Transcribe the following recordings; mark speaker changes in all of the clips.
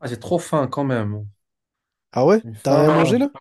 Speaker 1: Ah, j'ai trop faim quand même.
Speaker 2: Ah ouais?
Speaker 1: J'ai
Speaker 2: T'as
Speaker 1: faim.
Speaker 2: rien mangé là?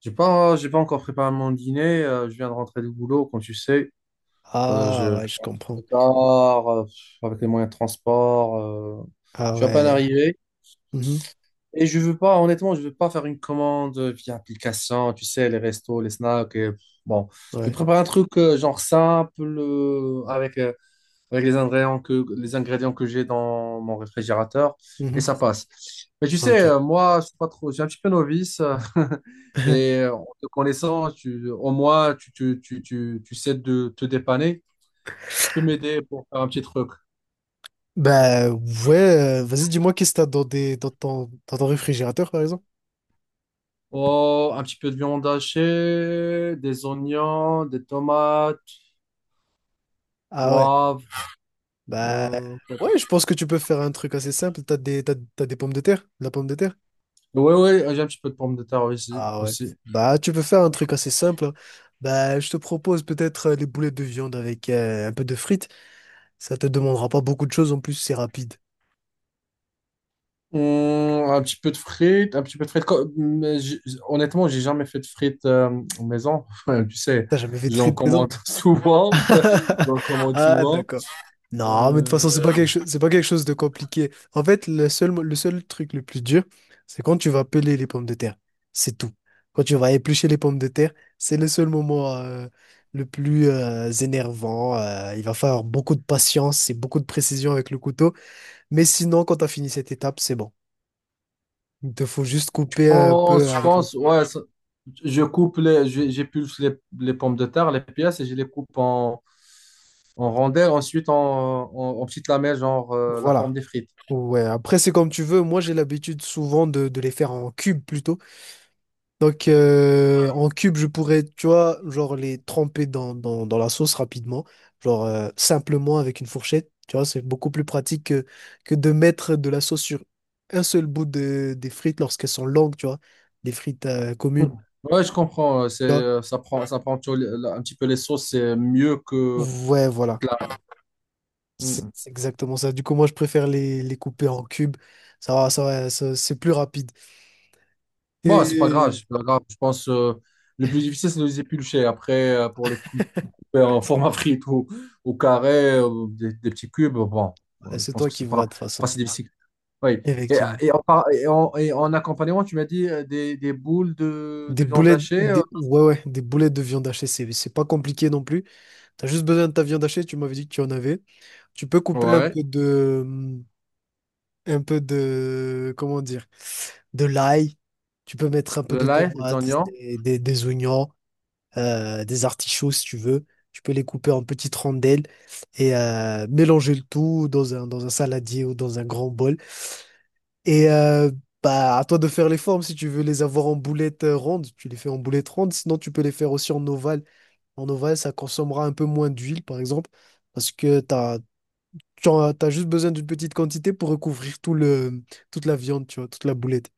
Speaker 1: J'ai pas encore préparé mon dîner. Je viens de rentrer du boulot, comme tu sais. Euh,
Speaker 2: Ah
Speaker 1: je
Speaker 2: ouais, je
Speaker 1: je
Speaker 2: comprends.
Speaker 1: pars, avec les moyens de transport. euh,
Speaker 2: Ah
Speaker 1: je suis à peine
Speaker 2: ouais.
Speaker 1: arrivé.
Speaker 2: Mhm,
Speaker 1: Et je veux pas, honnêtement, je veux pas faire une commande via application, tu sais, les restos, les snacks. Et bon, je vais
Speaker 2: ouais.
Speaker 1: préparer un truc genre simple, avec les ingrédients que j'ai dans mon réfrigérateur et
Speaker 2: Mhm,
Speaker 1: ça passe. Mais tu sais,
Speaker 2: ok.
Speaker 1: moi, je suis pas trop, j'ai un petit peu novice et en te connaissant, tu, au moins, tu sais de te dépanner. Si tu peux m'aider pour faire un petit truc.
Speaker 2: Bah ouais, vas-y, dis-moi qu'est-ce que t'as dans ton réfrigérateur par exemple?
Speaker 1: Oh, un petit peu de viande hachée, des oignons, des tomates,
Speaker 2: Ah ouais.
Speaker 1: poivre.
Speaker 2: Bah
Speaker 1: Quoi
Speaker 2: ouais,
Speaker 1: d'autre,
Speaker 2: je pense que tu peux faire un truc assez simple. T'as des pommes de terre? De la pomme de terre?
Speaker 1: ouais, ouais, j'ai un petit peu de pommes de terre aussi.
Speaker 2: Ah ouais.
Speaker 1: aussi.
Speaker 2: Bah tu peux faire un truc assez simple, hein. Bah je te propose peut-être les boulettes de viande avec un peu de frites. Ça te demandera pas beaucoup de choses en plus, c'est rapide.
Speaker 1: Un petit peu de frites, un petit peu de frites. Honnêtement, j'ai jamais fait de frites en maison. Tu sais,
Speaker 2: T'as jamais fait de
Speaker 1: j'en
Speaker 2: frites?
Speaker 1: commande souvent. J'en commande
Speaker 2: Ah,
Speaker 1: souvent.
Speaker 2: d'accord. Non, mais de toute
Speaker 1: Euh,
Speaker 2: façon, c'est pas quelque chose, c'est pas quelque chose de compliqué. En fait, le seul truc le plus dur, c'est quand tu vas peler les pommes de terre. C'est tout. Quand tu vas éplucher les pommes de terre, c'est le seul moment le plus énervant. Il va falloir beaucoup de patience et beaucoup de précision avec le couteau. Mais sinon, quand tu as fini cette étape, c'est bon. Il te faut juste
Speaker 1: je
Speaker 2: couper un peu
Speaker 1: pense, je
Speaker 2: avec les
Speaker 1: pense,
Speaker 2: fils.
Speaker 1: ouais, ça- je coupe les, je- j'épulse les pommes de terre, les pièces, et je les coupe en rondelles, ensuite en petites lamelles, genre la forme
Speaker 2: Voilà.
Speaker 1: des frites.
Speaker 2: Ouais, après, c'est comme tu veux. Moi, j'ai l'habitude souvent de les faire en cubes plutôt. Donc, en cube, je pourrais, tu vois, genre les tremper dans la sauce rapidement, genre simplement avec une fourchette, tu vois, c'est beaucoup plus pratique que de mettre de la sauce sur un seul bout des frites lorsqu'elles sont longues, tu vois, des frites
Speaker 1: Hum.
Speaker 2: communes,
Speaker 1: Ouais, je comprends. euh, C'est,
Speaker 2: tu vois.
Speaker 1: euh, ça prend, ça prend toujours un petit peu les sauces, c'est mieux que.
Speaker 2: Ouais, voilà,
Speaker 1: de
Speaker 2: c'est
Speaker 1: la-
Speaker 2: c'est exactement ça. Du coup, moi, je préfère les couper en cubes, ça va, c'est plus rapide.
Speaker 1: Bon, c'est pas grave,
Speaker 2: Et
Speaker 1: c'est pas grave. Je pense, le plus difficile, c'est de les éplucher. Après, pour les couper en format frite ou au carré, des petits cubes, bon,
Speaker 2: ouais,
Speaker 1: je
Speaker 2: c'est
Speaker 1: pense
Speaker 2: toi
Speaker 1: que
Speaker 2: qui
Speaker 1: c'est
Speaker 2: vois
Speaker 1: pas,
Speaker 2: de toute
Speaker 1: c'est pas
Speaker 2: façon,
Speaker 1: si difficile. Oui. Et,
Speaker 2: effectivement.
Speaker 1: et en, par- et en accompagnement, tu m'as dit des boules de,
Speaker 2: Des
Speaker 1: de viande
Speaker 2: boulettes,
Speaker 1: hachée.
Speaker 2: ouais, ouais, des boulettes de viande hachée, c'est pas compliqué non plus. T'as juste besoin de ta viande hachée, tu m'avais dit que tu en avais. Tu peux couper un
Speaker 1: Ouais,
Speaker 2: peu de, un peu de, comment dire, de l'ail. Tu peux mettre un peu
Speaker 1: le
Speaker 2: de
Speaker 1: lait, les
Speaker 2: tomates,
Speaker 1: oignons.
Speaker 2: des oignons, des artichauts si tu veux. Tu peux les couper en petites rondelles et mélanger le tout dans un saladier ou dans un grand bol. Et bah, à toi de faire les formes. Si tu veux les avoir en boulettes rondes, tu les fais en boulettes rondes. Sinon, tu peux les faire aussi en ovale. En ovale, ça consommera un peu moins d'huile, par exemple, parce que t'as, tu en as, t'as juste besoin d'une petite quantité pour recouvrir toute la viande, tu vois, toute la boulette.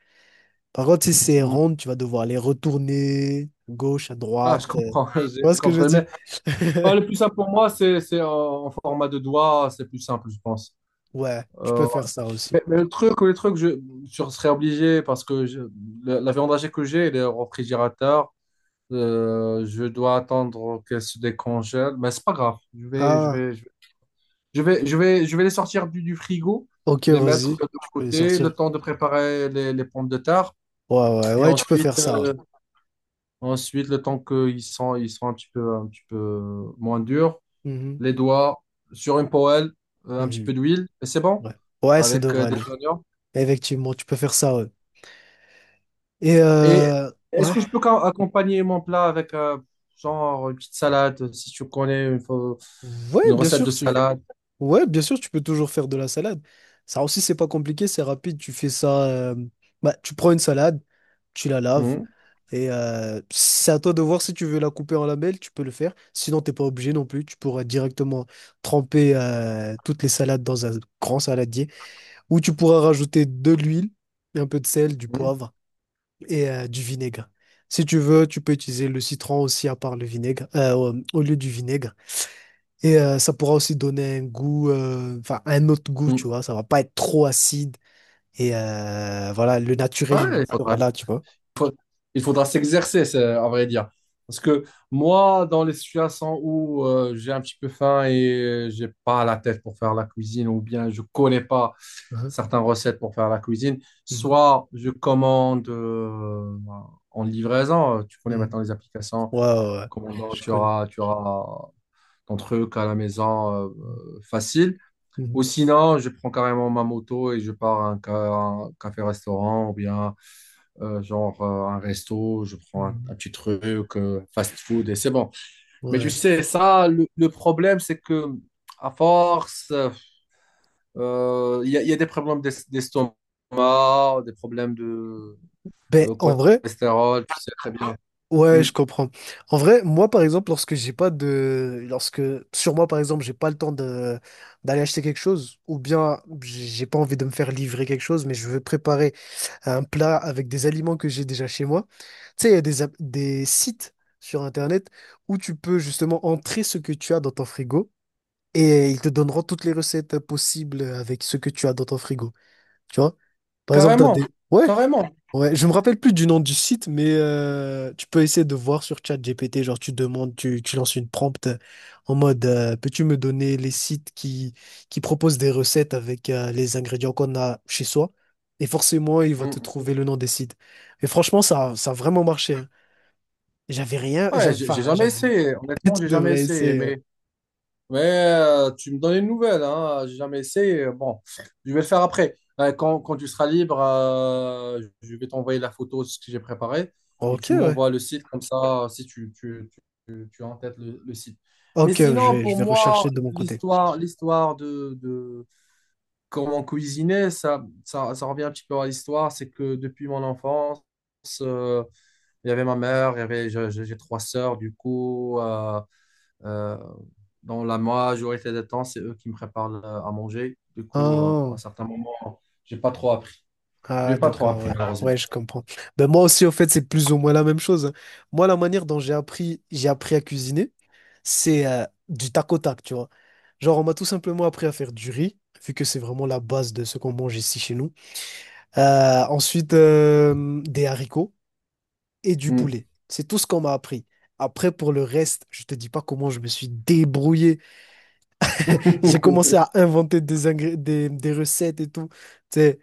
Speaker 2: Par contre, si c'est
Speaker 1: Mm.
Speaker 2: ronde, tu vas devoir les retourner à gauche, à
Speaker 1: Ah,
Speaker 2: droite.
Speaker 1: je comprends, j'ai
Speaker 2: Tu vois
Speaker 1: j'ai
Speaker 2: ce que je veux
Speaker 1: compris.
Speaker 2: dire?
Speaker 1: Mais le plus simple pour moi, c'est en format de doigt, c'est plus simple, je pense.
Speaker 2: Ouais, tu peux
Speaker 1: Euh,
Speaker 2: faire ça aussi.
Speaker 1: mais le truc, je serais obligé parce que la viande hachée que j'ai, elle est au réfrigérateur. Je dois attendre qu'elle se décongèle. Mais c'est pas grave. Je vais, je
Speaker 2: Ah,
Speaker 1: vais, je vais, je vais, les sortir du frigo,
Speaker 2: ok,
Speaker 1: les mettre
Speaker 2: vas-y.
Speaker 1: de
Speaker 2: Tu peux les
Speaker 1: côté, le
Speaker 2: sortir.
Speaker 1: temps de préparer les pommes de terre.
Speaker 2: Ouais, ouais,
Speaker 1: Et
Speaker 2: ouais, tu peux
Speaker 1: ensuite,
Speaker 2: faire ça, ouais.
Speaker 1: euh, ensuite le temps qu'ils sont un petit peu moins durs,
Speaker 2: Mhm,
Speaker 1: les doigts sur une poêle, un petit
Speaker 2: mhm.
Speaker 1: peu d'huile, et c'est bon.
Speaker 2: Ouais. Ouais, ça
Speaker 1: Avec
Speaker 2: devrait
Speaker 1: des
Speaker 2: aller.
Speaker 1: oignons.
Speaker 2: Effectivement, tu peux faire ça, ouais. Et
Speaker 1: Et est-ce
Speaker 2: ouais.
Speaker 1: que je peux accompagner mon plat avec genre une petite salade, si tu connais
Speaker 2: Ouais,
Speaker 1: une
Speaker 2: bien
Speaker 1: recette de
Speaker 2: sûr, tu.
Speaker 1: salade?
Speaker 2: Ouais, bien sûr, tu peux toujours faire de la salade. Ça aussi, c'est pas compliqué, c'est rapide. Tu fais ça. Bah, tu prends une salade, tu la laves.
Speaker 1: Mhm,
Speaker 2: Et c'est à toi de voir si tu veux la couper en lamelles, tu peux le faire. Sinon, t'es pas obligé non plus. Tu pourras directement tremper toutes les salades dans un grand saladier. Ou tu pourras rajouter de l'huile, un peu de sel, du
Speaker 1: mhm,
Speaker 2: poivre, et du vinaigre. Si tu veux, tu peux utiliser le citron aussi à part le vinaigre, au lieu du vinaigre. Et ça pourra aussi donner un goût, enfin un autre goût, tu
Speaker 1: mhm.
Speaker 2: vois. Ça va pas être trop acide. Et voilà, le
Speaker 1: Ouais,
Speaker 2: naturel il
Speaker 1: il
Speaker 2: sera
Speaker 1: faudrait,
Speaker 2: là, tu vois.
Speaker 1: il faudra s'exercer, à vrai dire. Parce que moi, dans les situations où j'ai un petit peu faim et j'ai pas la tête pour faire la cuisine, ou bien je connais pas
Speaker 2: Mhm.
Speaker 1: certaines recettes pour faire la cuisine,
Speaker 2: Mhm.
Speaker 1: soit je commande en livraison. Tu connais
Speaker 2: Mhm.
Speaker 1: maintenant les applications.
Speaker 2: Ouais, ouais, ouais.
Speaker 1: Commandant,
Speaker 2: Je
Speaker 1: tu
Speaker 2: connais.
Speaker 1: auras, tu auras entre eux qu'à la maison
Speaker 2: Mhm.
Speaker 1: facile. Ou
Speaker 2: Mhm.
Speaker 1: sinon, je prends carrément ma moto et je pars à un café-restaurant ou bien genre un resto, je prends un
Speaker 2: Mhm.
Speaker 1: petit truc, fast-food et c'est bon. Mais tu
Speaker 2: Ouais.
Speaker 1: sais, ça, le problème, c'est que à force, il y a des problèmes d'estomac, des problèmes de
Speaker 2: Ben,
Speaker 1: euh,
Speaker 2: en vrai.
Speaker 1: cholestérol, tu sais très bien.
Speaker 2: Ouais,
Speaker 1: Mm.
Speaker 2: je comprends. En vrai, moi, par exemple, lorsque j'ai pas de, lorsque sur moi, par exemple, j'ai pas le temps de d'aller acheter quelque chose, ou bien j'ai pas envie de me faire livrer quelque chose, mais je veux préparer un plat avec des aliments que j'ai déjà chez moi. Tu sais, il y a des sites sur Internet où tu peux justement entrer ce que tu as dans ton frigo et ils te donneront toutes les recettes possibles avec ce que tu as dans ton frigo. Tu vois? Par exemple,
Speaker 1: Carrément,
Speaker 2: ouais.
Speaker 1: carrément.
Speaker 2: Ouais, je me rappelle plus du nom du site, mais tu peux essayer de voir sur ChatGPT, genre tu demandes, tu lances une prompt en mode peux-tu me donner les sites qui proposent des recettes avec les ingrédients qu'on a chez soi? Et forcément, il va te
Speaker 1: Mm.
Speaker 2: trouver le nom des sites. Et franchement, ça a vraiment marché, hein. J'avais rien,
Speaker 1: Ouais,
Speaker 2: j'avais,
Speaker 1: j'ai
Speaker 2: enfin,
Speaker 1: j'ai jamais
Speaker 2: j'avais,
Speaker 1: essayé,
Speaker 2: tu
Speaker 1: honnêtement, j'ai jamais
Speaker 2: devrais
Speaker 1: essayé,
Speaker 2: essayer, ouais.
Speaker 1: mais tu me donnes une nouvelle, hein. J'ai jamais essayé. Bon, je vais le faire après. Quand tu seras libre, je vais t'envoyer la photo de ce que j'ai préparé et
Speaker 2: Ok,
Speaker 1: tu
Speaker 2: ouais.
Speaker 1: m'envoies le site comme ça, si tu as en tête le site. Mais
Speaker 2: Ok, je
Speaker 1: sinon,
Speaker 2: vais, je
Speaker 1: pour
Speaker 2: vais
Speaker 1: moi,
Speaker 2: rechercher de mon côté.
Speaker 1: l'histoire de comment cuisiner, ça revient un petit peu à l'histoire. C'est que depuis mon enfance, euh, il y avait ma mère, il y avait, je- j'ai trois sœurs, du coup. Euh, dans la majorité des temps, c'est eux qui me préparent à manger. Du coup, à
Speaker 2: Ah.
Speaker 1: certains moments, j'ai pas trop appris. J'ai
Speaker 2: Ah,
Speaker 1: pas trop
Speaker 2: d'accord,
Speaker 1: appris,
Speaker 2: ouais.
Speaker 1: malheureusement.
Speaker 2: Ouais, je comprends. Ben moi aussi, au fait, c'est plus ou moins la même chose, hein. Moi, la manière dont j'ai appris à cuisiner, c'est du tac au tac, tu vois. Genre, on m'a tout simplement appris à faire du riz, vu que c'est vraiment la base de ce qu'on mange ici chez nous. Ensuite, des haricots et du
Speaker 1: Mm.
Speaker 2: poulet. C'est tout ce qu'on m'a appris. Après, pour le reste, je te dis pas comment je me suis débrouillé. J'ai commencé à inventer des recettes et tout. Tu sais,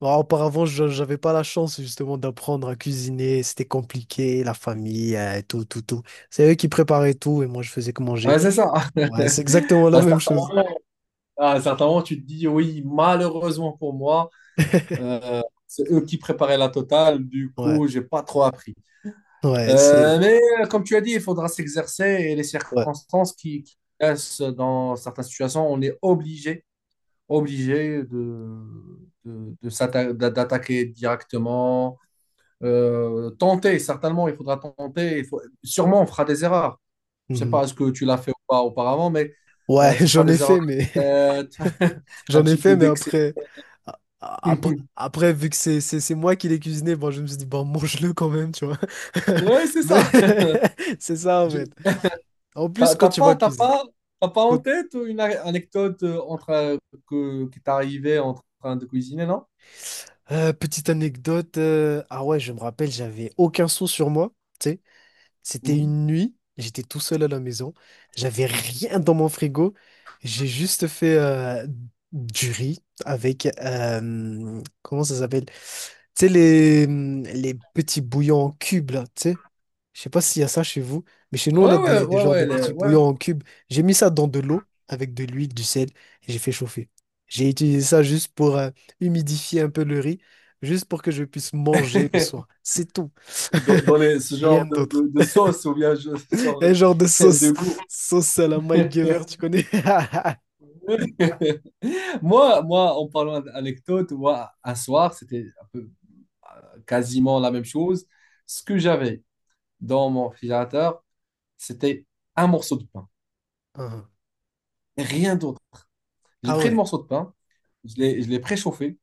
Speaker 2: bon, auparavant, j'avais pas la chance justement d'apprendre à cuisiner. C'était compliqué, la famille, tout, tout, tout. C'est eux qui préparaient tout et moi, je faisais que manger.
Speaker 1: Ouais, c'est ça.
Speaker 2: Ouais, c'est exactement la
Speaker 1: À
Speaker 2: même
Speaker 1: certains
Speaker 2: chose.
Speaker 1: moments, à certains moments, tu te dis, oui, malheureusement pour moi, c'est eux qui préparaient la totale. Du
Speaker 2: Ouais,
Speaker 1: coup, j'ai pas trop appris.
Speaker 2: ouais,
Speaker 1: Mais comme tu as dit, il faudra s'exercer et les
Speaker 2: ouais.
Speaker 1: circonstances qui laissent dans certaines situations, on est obligé de, d'attaquer directement, tenter, certainement, il faudra tenter. Sûrement, on fera des erreurs. Je ne sais
Speaker 2: Mhm.
Speaker 1: pas ce que tu l'as fait ou pas auparavant, mais
Speaker 2: Ouais,
Speaker 1: tu feras
Speaker 2: j'en ai
Speaker 1: des erreurs
Speaker 2: fait, mais,
Speaker 1: de tête, un
Speaker 2: j'en ai
Speaker 1: petit
Speaker 2: fait,
Speaker 1: peu
Speaker 2: mais
Speaker 1: d'excès.
Speaker 2: après, après, après, vu que c'est moi qui l'ai cuisiné, bon, je me suis dit, bon, mange-le quand même, tu vois.
Speaker 1: Ouais, c'est
Speaker 2: Mais
Speaker 1: ça.
Speaker 2: c'est ça, en
Speaker 1: Je-
Speaker 2: fait. En plus,
Speaker 1: T'as
Speaker 2: quand
Speaker 1: t'as
Speaker 2: tu vois
Speaker 1: pas, t'as
Speaker 2: cuisiner.
Speaker 1: pas, t'as pas en
Speaker 2: quand-
Speaker 1: tête une anecdote qui t'est arrivée en train de cuisiner, non?
Speaker 2: Petite anecdote, ah ouais, je me rappelle, j'avais aucun sou sur moi. C'était
Speaker 1: Mhm.
Speaker 2: une nuit, j'étais tout seul à la maison, j'avais rien dans mon frigo, j'ai juste fait du riz avec, comment ça s'appelle? Tu sais, les petits bouillons en cubes, là, tu sais. Je sais pas s'il y a ça chez vous, mais chez nous, on a
Speaker 1: Ouais, ouais,
Speaker 2: des
Speaker 1: ouais,
Speaker 2: genres de
Speaker 1: ouais,
Speaker 2: petits
Speaker 1: ouais.
Speaker 2: bouillons en cubes. J'ai mis ça dans de l'eau avec de l'huile, du sel, et j'ai fait chauffer. J'ai utilisé ça juste pour humidifier un peu le riz, juste pour que je puisse manger le soir. C'est tout.
Speaker 1: dans ce
Speaker 2: Rien
Speaker 1: genre
Speaker 2: d'autre.
Speaker 1: de sauce ou bien ce genre
Speaker 2: Un
Speaker 1: de
Speaker 2: genre de sauce,
Speaker 1: de goût.
Speaker 2: sauce à la Mike Gever, tu connais?
Speaker 1: Moi, en parlant d'anecdote, moi, un soir, c'était un peu quasiment la même chose. Ce que j'avais dans mon réfrigérateur, c'était un morceau de pain,
Speaker 2: Ah,
Speaker 1: et rien d'autre. J'ai
Speaker 2: ah,
Speaker 1: pris le
Speaker 2: ouais,
Speaker 1: morceau de pain, je l'ai préchauffé,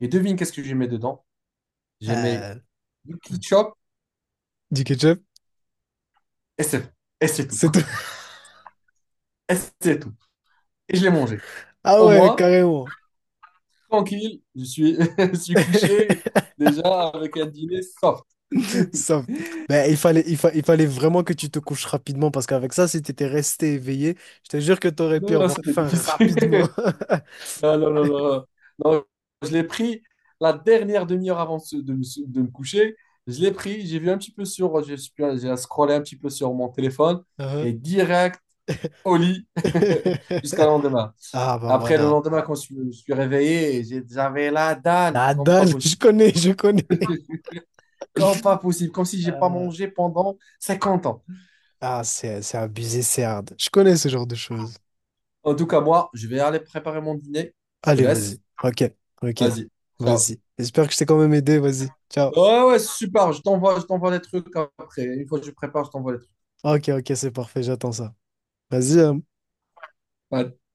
Speaker 1: et devine qu'est-ce que j'ai mis dedans? J'ai mis
Speaker 2: euh,
Speaker 1: du ketchup,
Speaker 2: du ketchup,
Speaker 1: et c'est et c'est tout.
Speaker 2: c'est tout.
Speaker 1: Et c'est tout. Et je l'ai mangé.
Speaker 2: Ah
Speaker 1: Au
Speaker 2: ouais,
Speaker 1: moins,
Speaker 2: carrément.
Speaker 1: tranquille, je suis, je suis couché déjà avec un dîner soft.
Speaker 2: Ça- ben, il fallait vraiment que tu te couches rapidement parce qu'avec ça, si t'étais resté éveillé, je te jure que t'aurais pu
Speaker 1: Non, non,
Speaker 2: avoir
Speaker 1: c'était
Speaker 2: faim
Speaker 1: difficile.
Speaker 2: rapidement.
Speaker 1: Non, non, non, non. Non, je l'ai pris la dernière demi-heure avant de me coucher. Je l'ai pris, j'ai vu un petit peu sur, j'ai scrollé un petit peu sur mon téléphone
Speaker 2: Hein.
Speaker 1: et direct au lit jusqu'au lendemain.
Speaker 2: Ah bah
Speaker 1: Après, le
Speaker 2: voilà.
Speaker 1: lendemain, quand je me suis réveillé, j'avais la dalle comme pas
Speaker 2: Nadal, je
Speaker 1: possible.
Speaker 2: connais, je connais.
Speaker 1: Comme pas possible, comme si j'ai pas
Speaker 2: Euh,
Speaker 1: mangé pendant 50 ans.
Speaker 2: ah, c'est abusé, c'est hard. Je connais ce genre de choses.
Speaker 1: En tout cas, moi, je vais aller préparer mon dîner. Je te
Speaker 2: Allez,
Speaker 1: laisse.
Speaker 2: vas-y. Ok, ok,
Speaker 1: Vas-y. Ciao.
Speaker 2: vas-y. J'espère que je t'ai quand même aidé, vas-y. Ciao.
Speaker 1: Ouais, ouais, super. Je t'envoie les trucs après. Une fois que je prépare, je t'envoie les trucs.
Speaker 2: Ok, ok, c'est parfait, j'attends ça. Vas-y, hein.
Speaker 1: Ouais.